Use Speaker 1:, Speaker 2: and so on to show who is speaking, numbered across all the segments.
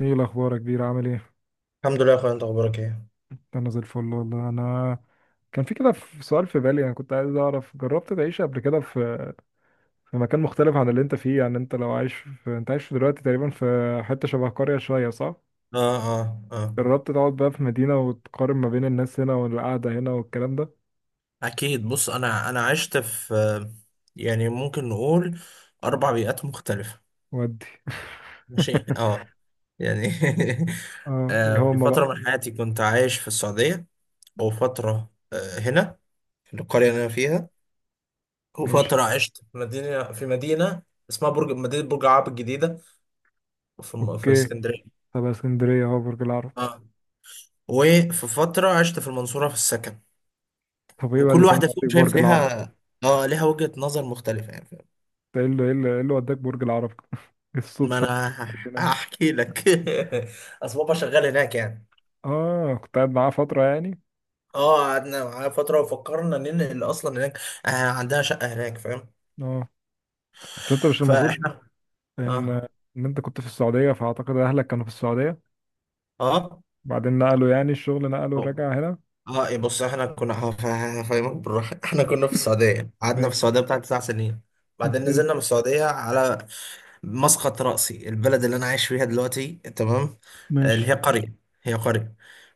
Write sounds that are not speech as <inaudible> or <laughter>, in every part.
Speaker 1: ايه الاخبار يا كبير، عامل ايه؟
Speaker 2: الحمد لله يا اخويا، انت اخبارك ايه؟
Speaker 1: انا زي الفل والله. انا كان في كده، في سؤال في بالي، انا كنت عايز اعرف، جربت تعيش قبل كده في مكان مختلف عن اللي انت فيه؟ يعني انت لو عايش انت عايش دلوقتي تقريبا في حتة شبه قرية شوية، صح؟
Speaker 2: اه، اه، اه.
Speaker 1: جربت تقعد بقى في مدينة وتقارن ما بين الناس هنا والقعدة هنا والكلام ده؟
Speaker 2: اكيد. بص، انا عشت في يعني ممكن نقول اربع بيئات مختلفه.
Speaker 1: ودي؟
Speaker 2: ماشي،
Speaker 1: <laughs>
Speaker 2: اه. يعني <laughs>
Speaker 1: اه، ايه
Speaker 2: في
Speaker 1: هما بقى؟
Speaker 2: فتره من حياتي كنت عايش في السعوديه، وفتره هنا في القريه اللي انا فيها،
Speaker 1: ماشي.
Speaker 2: وفتره عشت في مدينه اسمها مدينه برج العرب الجديده، في
Speaker 1: اوكي.
Speaker 2: اسكندريه.
Speaker 1: طب اسكندرية اهو برج العرب.
Speaker 2: اه. وفي فتره عشت في المنصوره في السكن.
Speaker 1: طب ايه بقى
Speaker 2: وكل
Speaker 1: اللي كان
Speaker 2: واحدة فيهم
Speaker 1: معطيك
Speaker 2: شايف
Speaker 1: برج العرب؟
Speaker 2: ليها، اه ليها وجهة نظر مختلفة، يعني فاهم؟
Speaker 1: إيه اللي وداك برج العرب؟ <laughs>
Speaker 2: ما
Speaker 1: الصدفة.
Speaker 2: انا <laughs> هحكي لك. <laughs> اصل بابا شغال هناك يعني.
Speaker 1: اه، كنت قاعد معاه فترة يعني.
Speaker 2: اه، قعدنا معاه فترة وفكرنا ننقل اصلا هناك. آه، عندها شقة هناك، فاهم؟
Speaker 1: اه. بس انت مش المفروض
Speaker 2: فاحنا،
Speaker 1: ان
Speaker 2: اه،
Speaker 1: ان انت كنت في السعودية؟ فاعتقد اهلك كانوا في السعودية،
Speaker 2: اه،
Speaker 1: بعدين نقلوا، يعني الشغل نقلوا،
Speaker 2: اه،
Speaker 1: رجع هنا.
Speaker 2: إيه، بص، احنا كنا هفهمك بالراحة. <laughs> احنا كنا في السعودية يعني. قعدنا في
Speaker 1: ماشي.
Speaker 2: السعودية بتاع 9 سنين. بعدين
Speaker 1: اوكي.
Speaker 2: نزلنا من السعودية على مسقط رأسي، البلد اللي أنا عايش فيها دلوقتي، تمام؟
Speaker 1: ماشي.
Speaker 2: اللي هي قرية، هي قرية.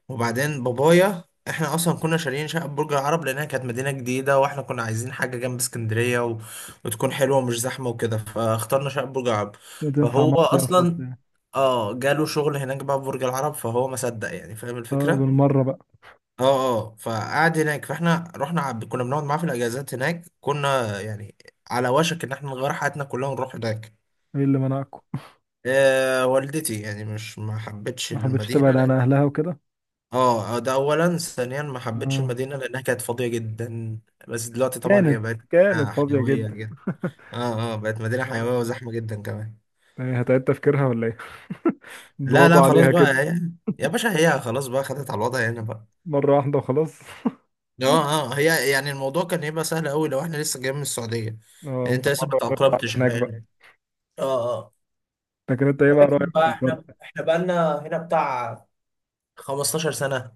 Speaker 2: وبعدين بابايا، احنا اصلا كنا شاريين شقه برج العرب، لانها كانت مدينه جديده واحنا كنا عايزين حاجه جنب اسكندريه و... وتكون حلوه ومش زحمه وكده، فاخترنا شقه برج العرب.
Speaker 1: وتنفع
Speaker 2: فهو
Speaker 1: مصيف
Speaker 2: اصلا
Speaker 1: وبتاع.
Speaker 2: اه، جاله شغل هناك بقى في برج العرب، فهو ما صدق يعني، فاهم
Speaker 1: اه
Speaker 2: الفكره؟
Speaker 1: بالمرة بقى.
Speaker 2: اه، اه. فقعد هناك، كنا بنقعد معاه في الاجازات هناك، كنا يعني على وشك ان احنا نغير حياتنا كلها ونروح هناك.
Speaker 1: ايه اللي منعكم؟
Speaker 2: والدتي يعني مش ما حبتش
Speaker 1: ما حبيتش
Speaker 2: المدينة
Speaker 1: تبعد عن
Speaker 2: لأن،
Speaker 1: اهلها وكده.
Speaker 2: اه، ده أولا. ثانيا، ما حبتش
Speaker 1: اه.
Speaker 2: المدينة لأنها كانت فاضية جدا. بس دلوقتي طبعا هي
Speaker 1: كانت
Speaker 2: بقت
Speaker 1: كانت
Speaker 2: مدينة
Speaker 1: فاضية
Speaker 2: حيوية
Speaker 1: جدا.
Speaker 2: جدا. اه، اه، بقت مدينة
Speaker 1: آه.
Speaker 2: حيوية وزحمة جدا كمان.
Speaker 1: إيه، هتعيد تفكيرها ولا ايه؟ <laughs>
Speaker 2: لا،
Speaker 1: ضغطوا
Speaker 2: لا، خلاص
Speaker 1: عليها
Speaker 2: بقى
Speaker 1: كده
Speaker 2: هي. يا باشا، هي خلاص بقى خدت على الوضع هنا بقى.
Speaker 1: مرة واحدة وخلاص. <laughs>
Speaker 2: اه، اه، هي يعني الموضوع كان هيبقى سهل أوي لو احنا لسه جايين من السعودية،
Speaker 1: اه
Speaker 2: يعني انت لسه ما
Speaker 1: فمرة
Speaker 2: تأقلمتش
Speaker 1: هناك
Speaker 2: على هنا.
Speaker 1: بقى.
Speaker 2: اه، اه.
Speaker 1: لكن انت ايه بقى رأيك
Speaker 2: ولكن
Speaker 1: في
Speaker 2: بقى
Speaker 1: الفرق؟
Speaker 2: احنا بقالنا هنا بتاع 15 سنة.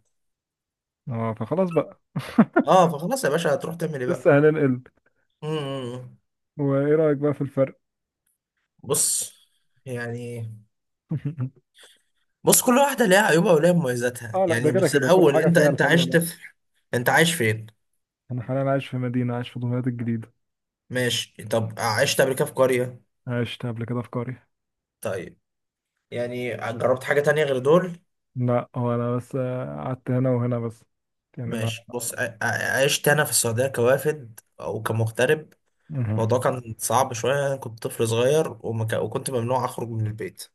Speaker 1: اه فخلاص بقى. <laughs>
Speaker 2: اه، فخلاص يا باشا، هتروح تعمل ايه بقى؟
Speaker 1: لسه هننقل.
Speaker 2: مم.
Speaker 1: وايه رايك بقى في الفرق؟
Speaker 2: بص يعني
Speaker 1: <laughs>
Speaker 2: بص كل واحدة ليها عيوبها وليها مميزاتها،
Speaker 1: اه لا، ده
Speaker 2: يعني
Speaker 1: كده
Speaker 2: بس
Speaker 1: كده كل
Speaker 2: الأول
Speaker 1: حاجه
Speaker 2: أنت
Speaker 1: فيها
Speaker 2: أنت
Speaker 1: الحلوه،
Speaker 2: عشت
Speaker 1: لا.
Speaker 2: في، أنت عايش فين؟
Speaker 1: انا حاليا عايش في مدينه، عايش في دمياط الجديده.
Speaker 2: ماشي. طب عشت قبل كده في قرية؟
Speaker 1: عشت قبل كده في قريه.
Speaker 2: طيب. يعني جربت حاجة تانية غير دول؟
Speaker 1: لا هو انا بس قعدت هنا وهنا بس، يعني ما.
Speaker 2: ماشي. بص، عشت أنا في السعودية كوافد أو كمغترب.
Speaker 1: مه.
Speaker 2: الموضوع كان صعب شوية، أنا كنت طفل صغير وكنت ممنوع أخرج من البيت.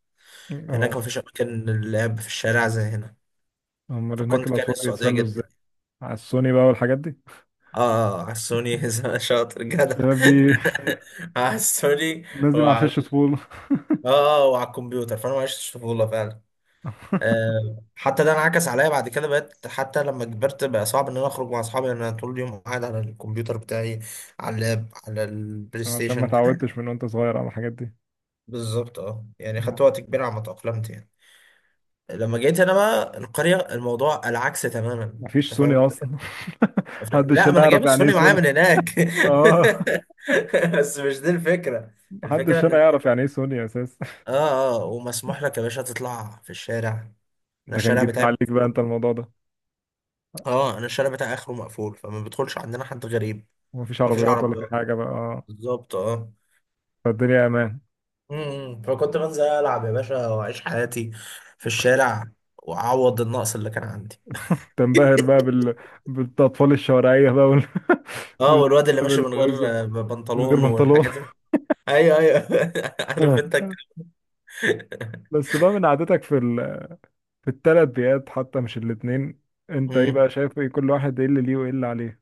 Speaker 1: اه،
Speaker 2: هناك مفيش أماكن للعب في الشارع زي هنا.
Speaker 1: امال هناك
Speaker 2: فكنت كاره
Speaker 1: الاطفال
Speaker 2: السعودية
Speaker 1: بيتسلوا ازاي؟
Speaker 2: جدا.
Speaker 1: على السوني بقى والحاجات دي.
Speaker 2: اه، على السوني <laughs> شاطر جدع.
Speaker 1: الشباب دي،
Speaker 2: <laughs> على السوني.
Speaker 1: الناس دي ما
Speaker 2: وعلى
Speaker 1: عاشتش طفوله.
Speaker 2: اه وعلى الكمبيوتر، فانا ما عشتش طفوله فعلا.
Speaker 1: <laughs>
Speaker 2: حتى ده انعكس عليا بعد كده، بقيت حتى لما كبرت بقى صعب ان انا اخرج مع اصحابي، لان انا طول اليوم قاعد على الكمبيوتر بتاعي، على اللاب، على البلاي
Speaker 1: عشان ما
Speaker 2: ستيشن كده.
Speaker 1: اتعودتش من وانت صغير على الحاجات دي.
Speaker 2: بالظبط، اه. يعني خدت وقت كبير على ما تأقلمت يعني. لما جيت انا بقى القريه، الموضوع العكس تماما،
Speaker 1: مفيش
Speaker 2: انت فاهم
Speaker 1: سوني اصلا.
Speaker 2: الفكره؟
Speaker 1: <laughs> محدش
Speaker 2: لا،
Speaker 1: هنا
Speaker 2: ما انا
Speaker 1: يعرف
Speaker 2: جايب
Speaker 1: يعني ايه
Speaker 2: السوني معايا
Speaker 1: سوني.
Speaker 2: من هناك.
Speaker 1: اه.
Speaker 2: <laughs> بس مش دي الفكره. الفكره
Speaker 1: محدش هنا
Speaker 2: ان،
Speaker 1: يعرف يعني ايه سوني اساسا.
Speaker 2: اه، اه، ومسموح لك يا باشا تطلع في الشارع. انا
Speaker 1: ده كان
Speaker 2: الشارع
Speaker 1: جديد
Speaker 2: بتاعي
Speaker 1: عليك بقى
Speaker 2: مقفول.
Speaker 1: انت الموضوع ده.
Speaker 2: اه، انا الشارع بتاعي اخره مقفول، فما بيدخلش عندنا حد غريب.
Speaker 1: مفيش
Speaker 2: مفيش
Speaker 1: عربيات ولا في
Speaker 2: عربيات.
Speaker 1: حاجة بقى، اه.
Speaker 2: بالظبط، اه.
Speaker 1: فالدنيا امان.
Speaker 2: فكنت بنزل العب يا باشا واعيش حياتي في الشارع، واعوض النقص اللي كان عندي.
Speaker 1: تنبهر بقى بال... بالاطفال الشوارعية بقى وال...
Speaker 2: اه،
Speaker 1: <laughs>
Speaker 2: والواد اللي
Speaker 1: والشباب
Speaker 2: ماشي من غير
Speaker 1: البايظة. من غير
Speaker 2: بنطلون
Speaker 1: بنطلون.
Speaker 2: والحاجات دي. ايوه، ايوه. <laughs> عارف انت.
Speaker 1: <laughs> بس بقى من عادتك في ال... في الثلاث بيئات حتى، مش الاتنين، انت ايه بقى
Speaker 2: امم
Speaker 1: شايف؟ ايه كل واحد، ايه اللي ليه وايه اللي عليه؟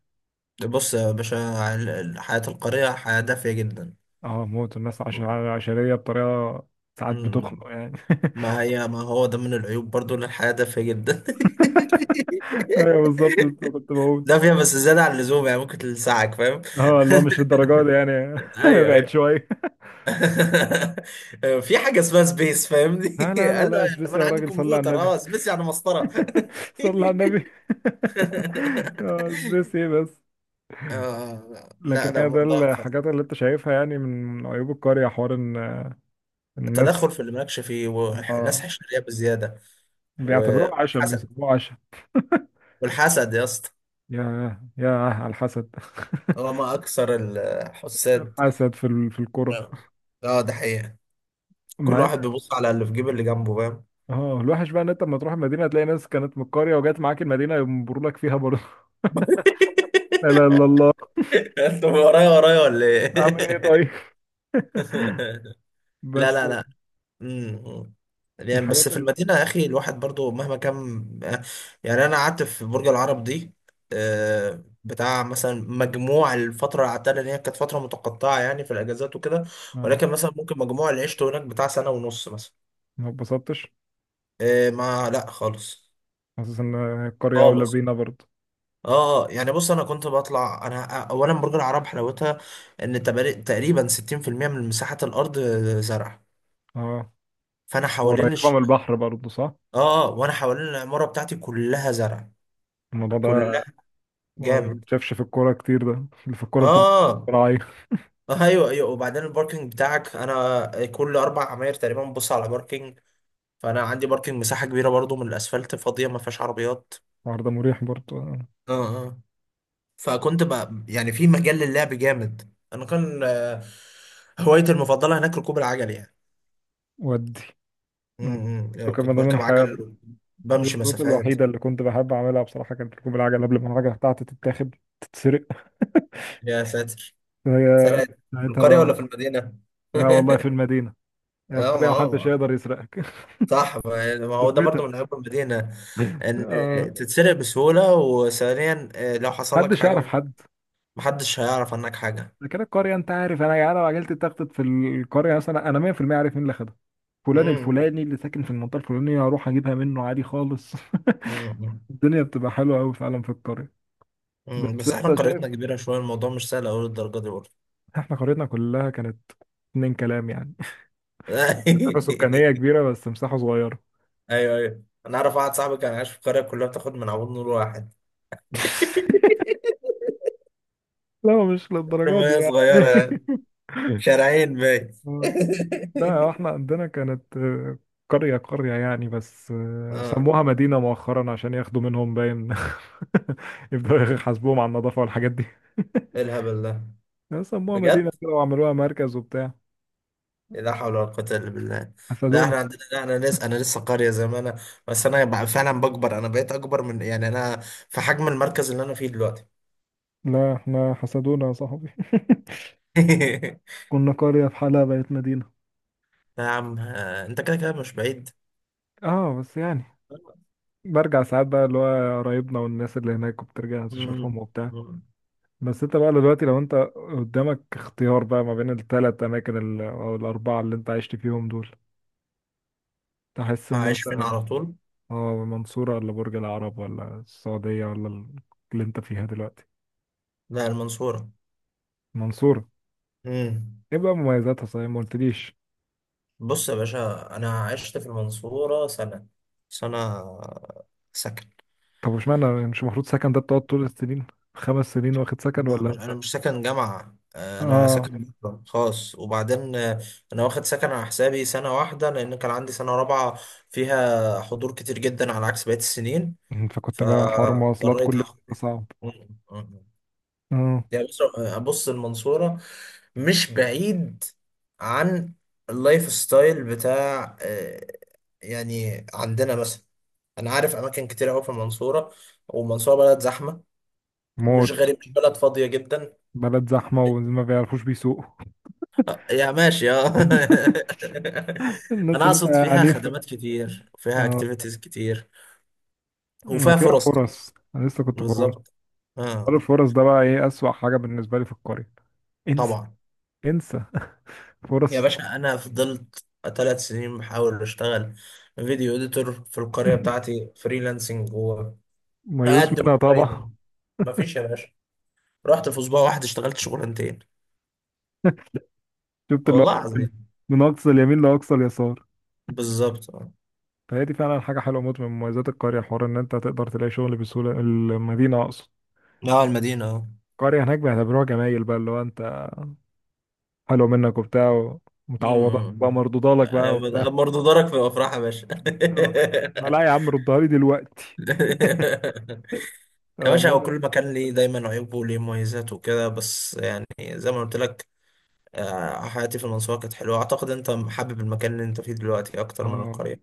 Speaker 2: بص يا باشا، حياة القرية حياة دافية جدا.
Speaker 1: اه، موت الناس عش... عشرية بطريقة ساعات
Speaker 2: مم.
Speaker 1: بتخنق يعني. <laughs>
Speaker 2: ما هو ده من العيوب برضو، ان الحياة دافية جدا.
Speaker 1: ايوه بالظبط، لسه كنت
Speaker 2: <laughs>
Speaker 1: بقول.
Speaker 2: دافية بس زيادة عن اللزوم، يعني ممكن تلسعك، فاهم؟
Speaker 1: اه لا مش الدرجات دي يعني،
Speaker 2: <laughs>
Speaker 1: <laughs>
Speaker 2: ايوه،
Speaker 1: بعد
Speaker 2: ايوه.
Speaker 1: شوية.
Speaker 2: <laughs> في حاجة اسمها سبيس، فاهمني؟
Speaker 1: لا لا
Speaker 2: <laughs>
Speaker 1: لا
Speaker 2: قال له
Speaker 1: لا
Speaker 2: طب
Speaker 1: اسبسي
Speaker 2: انا
Speaker 1: يا
Speaker 2: عندي
Speaker 1: راجل، صلي على
Speaker 2: كمبيوتر،
Speaker 1: النبي.
Speaker 2: اه سبيس يعني مسطرة. <laughs>
Speaker 1: <laughs> صلى على النبي. <laughs> آه، بس ايه بس.
Speaker 2: لا،
Speaker 1: لكن
Speaker 2: لا،
Speaker 1: هي ده
Speaker 2: موضوع
Speaker 1: الحاجات اللي انت شايفها يعني من عيوب القرية، حوار ان الناس.
Speaker 2: التدخل في اللي مالكش فيه، والناس
Speaker 1: اه،
Speaker 2: حشرية بزيادة.
Speaker 1: بيعتبروها عشم،
Speaker 2: والحسد.
Speaker 1: بيسموها عشم.
Speaker 2: والحسد يا اسطى.
Speaker 1: يا، يا على الحسد.
Speaker 2: هو ما اكثر
Speaker 1: <laughs>
Speaker 2: الحساد.
Speaker 1: حسد في ال- في الكرة.
Speaker 2: اه، ده حقيقة. كل
Speaker 1: مع ان،
Speaker 2: واحد بيبص على اللي في جيب اللي جنبه، فاهم؟
Speaker 1: اه، الوحش بقى ان انت لما تروح المدينة هتلاقي ناس كانت من القرية وجات معاك المدينة ينبروا لك فيها برضه. <laughs> لا
Speaker 2: <laughs>
Speaker 1: اله الا الله.
Speaker 2: انت ورايا ورايا ولا
Speaker 1: عامل ايه
Speaker 2: ايه؟
Speaker 1: طيب. <laughs>
Speaker 2: <laughs> لا،
Speaker 1: بس
Speaker 2: لا، لا. امم يعني بس
Speaker 1: الحاجات
Speaker 2: في
Speaker 1: اللي.
Speaker 2: المدينة يا أخي، الواحد برضو مهما كان، يعني أنا قعدت في برج العرب دي بتاع مثلا، مجموع الفترة اللي قعدتها، لأن هي كانت فترة متقطعة يعني، في الأجازات وكده،
Speaker 1: اه،
Speaker 2: ولكن مثلا ممكن مجموع اللي عشته هناك بتاع سنة ونص مثلا.
Speaker 1: ما اتبسطتش.
Speaker 2: ما لا خالص.
Speaker 1: حاسس ان القرية اولى
Speaker 2: خالص.
Speaker 1: بينا برضه.
Speaker 2: اه، يعني بص، انا كنت بطلع، انا اولا برج العرب حلاوتها ان تقريبا 60% من مساحة الارض زرع.
Speaker 1: اه،
Speaker 2: فانا حوالين
Speaker 1: قريبة من
Speaker 2: الش...
Speaker 1: البحر برضه صح؟
Speaker 2: اه، وانا حوالين العمارة بتاعتي كلها زرع،
Speaker 1: الموضوع ده
Speaker 2: كلها.
Speaker 1: ما
Speaker 2: جامد.
Speaker 1: بتشافش في الكورة كتير، ده اللي في الكورة بتبقى
Speaker 2: اه،
Speaker 1: راعي.
Speaker 2: ايوه، ايوه. وبعدين الباركينج بتاعك، انا كل اربع عماير تقريبا ببص على باركينج، فانا عندي باركينج مساحة كبيرة برضو من الاسفلت فاضية ما فيهاش عربيات.
Speaker 1: الحوار ده مريح برضه.
Speaker 2: اه، اه. فكنت بقى يعني في مجال للعب جامد، انا كان هوايتي المفضلة هناك ركوب العجل يعني.
Speaker 1: ودي. وكان
Speaker 2: كنت
Speaker 1: ده من
Speaker 2: بركب
Speaker 1: حاجة.
Speaker 2: عجل، بمشي
Speaker 1: الرياضات
Speaker 2: مسافات.
Speaker 1: الوحيدة اللي كنت بحب أعملها بصراحة كانت ركوب العجل، قبل ما العجلة بتاعتي تتاخد، تتسرق. <laughs>
Speaker 2: يا ساتر،
Speaker 1: هي
Speaker 2: سرقت. في
Speaker 1: ساعتها
Speaker 2: القرية
Speaker 1: بقى.
Speaker 2: ولا في المدينة؟
Speaker 1: لا والله، في
Speaker 2: <laughs>
Speaker 1: المدينة. هي
Speaker 2: اه، ما
Speaker 1: القرية محدش
Speaker 2: هو
Speaker 1: يقدر يسرقك. <laughs>
Speaker 2: صح. ما هو ده
Speaker 1: ثبتها.
Speaker 2: برضو من عيوب المدينة، ان
Speaker 1: آه،
Speaker 2: تتسرق بسهولة. وثانيا لو حصل لك
Speaker 1: محدش
Speaker 2: حاجة،
Speaker 1: يعرف حد.
Speaker 2: محدش هيعرف عنك حاجة.
Speaker 1: ده كده القرية انت عارف، انا يعني لو عجلت تخطط في القرية مثلا، انا 100% عارف مين اللي خدها. فلان
Speaker 2: امم
Speaker 1: الفلاني اللي ساكن في المنطقة الفلانية، هروح اجيبها منه عادي خالص.
Speaker 2: امم
Speaker 1: <laughs> الدنيا بتبقى حلوة قوي فعلا في القرية. بس
Speaker 2: بس احنا
Speaker 1: انت شايف،
Speaker 2: قريتنا كبيرة شوية، الموضوع مش سهل اوي للدرجة دي برضه.
Speaker 1: احنا قريتنا كلها كانت اتنين كلام يعني. <laughs> كانت مسافة
Speaker 2: <laughs>
Speaker 1: سكانية كبيرة بس مساحة صغيرة.
Speaker 2: ايوه، ايوه، انا اعرف واحد صاحبي كان عايش في القرية كلها بتاخد من عمود نور واحد. <laughs>
Speaker 1: <laughs> لا مش للدرجة دي
Speaker 2: رمية
Speaker 1: يعني
Speaker 2: صغيرة يعني. شارعين باين.
Speaker 1: <laughs> <laughs>
Speaker 2: <laughs>
Speaker 1: لا هو احنا عندنا كانت آه، قرية قرية يعني، بس آه،
Speaker 2: اه،
Speaker 1: سموها مدينة مؤخرا عشان ياخدوا منهم باين. <laughs> يبدأوا يحاسبوهم على النظافة والحاجات دي.
Speaker 2: ايه الهبل ده؟
Speaker 1: <laughs> لا، سموها
Speaker 2: بجد؟
Speaker 1: مدينة كده وعملوها مركز وبتاع.
Speaker 2: إيه، لا حول ولا قوة الا بالله. لا
Speaker 1: حسدونا.
Speaker 2: احنا عندنا، لا، انا لسه قرية زي ما انا، بس انا بقى فعلا بكبر، انا بقيت اكبر من، يعني انا في حجم المركز اللي انا فيه دلوقتي.
Speaker 1: لا احنا حسدونا يا صاحبي.
Speaker 2: <laughs>
Speaker 1: <laughs> كنا قرية في حالها بقت مدينة.
Speaker 2: يا عم انت كده كده مش بعيد.
Speaker 1: اه بس يعني برجع ساعات بقى، اللي هو قرايبنا والناس اللي هناك وبترجع تشوفهم
Speaker 2: مم.
Speaker 1: وبتاع.
Speaker 2: مم.
Speaker 1: بس انت بقى دلوقتي لو انت قدامك اختيار بقى ما بين الثلاث اماكن ال- او الاربعة اللي انت عشت فيهم دول، تحس ان
Speaker 2: هعيش
Speaker 1: انت،
Speaker 2: فين على طول؟
Speaker 1: اه، منصورة ولا برج العرب ولا السعودية ولا ال- اللي انت فيها دلوقتي؟
Speaker 2: لا، المنصورة.
Speaker 1: منصورة.
Speaker 2: مم.
Speaker 1: ايه بقى مميزاتها صحيح، ما قلتليش.
Speaker 2: بص يا باشا، انا عشت في المنصورة سنة. سنة سكن.
Speaker 1: طب اشمعنى مش المفروض سكن ده بتقعد طول السنين؟ خمس سنين واخد سكن ولا
Speaker 2: أنا
Speaker 1: انت؟
Speaker 2: مش ساكن جامعة، أنا
Speaker 1: اه
Speaker 2: ساكن بره خاص. وبعدين أنا واخد سكن على حسابي سنة واحدة، لأن كان عندي سنة رابعة فيها حضور كتير جدا على عكس بقية السنين،
Speaker 1: فكنت بقى حوار مواصلات كل
Speaker 2: فاضطريت
Speaker 1: يوم،
Speaker 2: آخد.
Speaker 1: ده صعب. اه
Speaker 2: يعني بص المنصورة مش بعيد عن اللايف ستايل بتاع يعني عندنا مثلا، انا عارف اماكن كتير قوي في المنصوره. والمنصوره بلد زحمه، مش
Speaker 1: موت.
Speaker 2: غريب، مش بلد فاضيه جدا.
Speaker 1: بلد زحمة وما بيعرفوش بيسوقوا. <laughs>
Speaker 2: يا ماشي، اه. <laughs>
Speaker 1: الناس
Speaker 2: انا
Speaker 1: هناك
Speaker 2: اقصد فيها
Speaker 1: عنيفة.
Speaker 2: خدمات كتير وفيها
Speaker 1: اه،
Speaker 2: اكتيفيتيز كتير وفيها
Speaker 1: وفيها
Speaker 2: فرص.
Speaker 1: فرص، انا لسه كنت بقول.
Speaker 2: بالظبط،
Speaker 1: حوار
Speaker 2: اه.
Speaker 1: الفرص ده بقى ايه اسوأ حاجة بالنسبة لي في القرية. انسى،
Speaker 2: طبعا.
Speaker 1: انسى
Speaker 2: يا
Speaker 1: فرص.
Speaker 2: باشا انا فضلت 3 سنين بحاول اشتغل فيديو اديتور في القريه
Speaker 1: <laughs>
Speaker 2: بتاعتي فريلانسنج،
Speaker 1: ميؤوس
Speaker 2: واقدم
Speaker 1: منها طبعا.
Speaker 2: اونلاين، مفيش يا باشا. رحت في اسبوع واحد اشتغلت شغلانتين،
Speaker 1: <laughs> شفت اللي هو
Speaker 2: والله
Speaker 1: من
Speaker 2: العظيم.
Speaker 1: من اقصى اليمين لاقصى اليسار.
Speaker 2: بالظبط، اه.
Speaker 1: فهي دي فعلا حاجه حلوه موت من مميزات القريه، حوار ان انت تقدر تلاقي شغل بسهوله. المدينه اقصد.
Speaker 2: اه، المدينه، اه.
Speaker 1: القريه هناك بيعتبروها جمايل بقى، اللي هو انت حلو منك وبتاع،
Speaker 2: م-
Speaker 1: ومتعوضات
Speaker 2: م-
Speaker 1: بقى،
Speaker 2: م.
Speaker 1: مردودة لك بقى وبتاع.
Speaker 2: برضه دارك في الافراح يا باشا.
Speaker 1: <laughs> ما لا يا
Speaker 2: <laughs>
Speaker 1: عم، ردها لي دلوقتي. <laughs>
Speaker 2: <laughs> يا
Speaker 1: آه،
Speaker 2: باشا، هو
Speaker 1: المهم.
Speaker 2: كل مكان ليه دايما عيوبه وليه مميزاته وكده، بس يعني زي ما قلت لك، حياتي في المنصورة كانت حلوة. أعتقد أنت حابب المكان اللي أنت فيه دلوقتي أكتر من
Speaker 1: اه.
Speaker 2: القرية.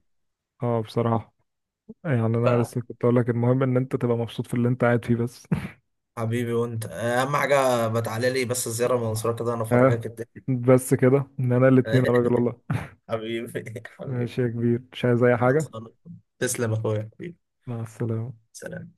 Speaker 1: اه بصراحه، يعني انا لسه كنت اقول لك، المهم ان انت تبقى مبسوط في اللي انت قاعد فيه بس.
Speaker 2: فحبيبي، وأنت أهم حاجة، بتعالى لي بس الزيارة المنصورة كده، أنا
Speaker 1: <laughs> اه
Speaker 2: أفرجك الدنيا.
Speaker 1: بس كده، ان انا الاتنين يا راجل
Speaker 2: <laughs>
Speaker 1: والله.
Speaker 2: حبيبي حبيبي.
Speaker 1: ماشي يا كبير، مش عايز اي حاجه.
Speaker 2: خلصانة. تسلم يا أخويا حبيبي.
Speaker 1: مع السلامه.
Speaker 2: سلام.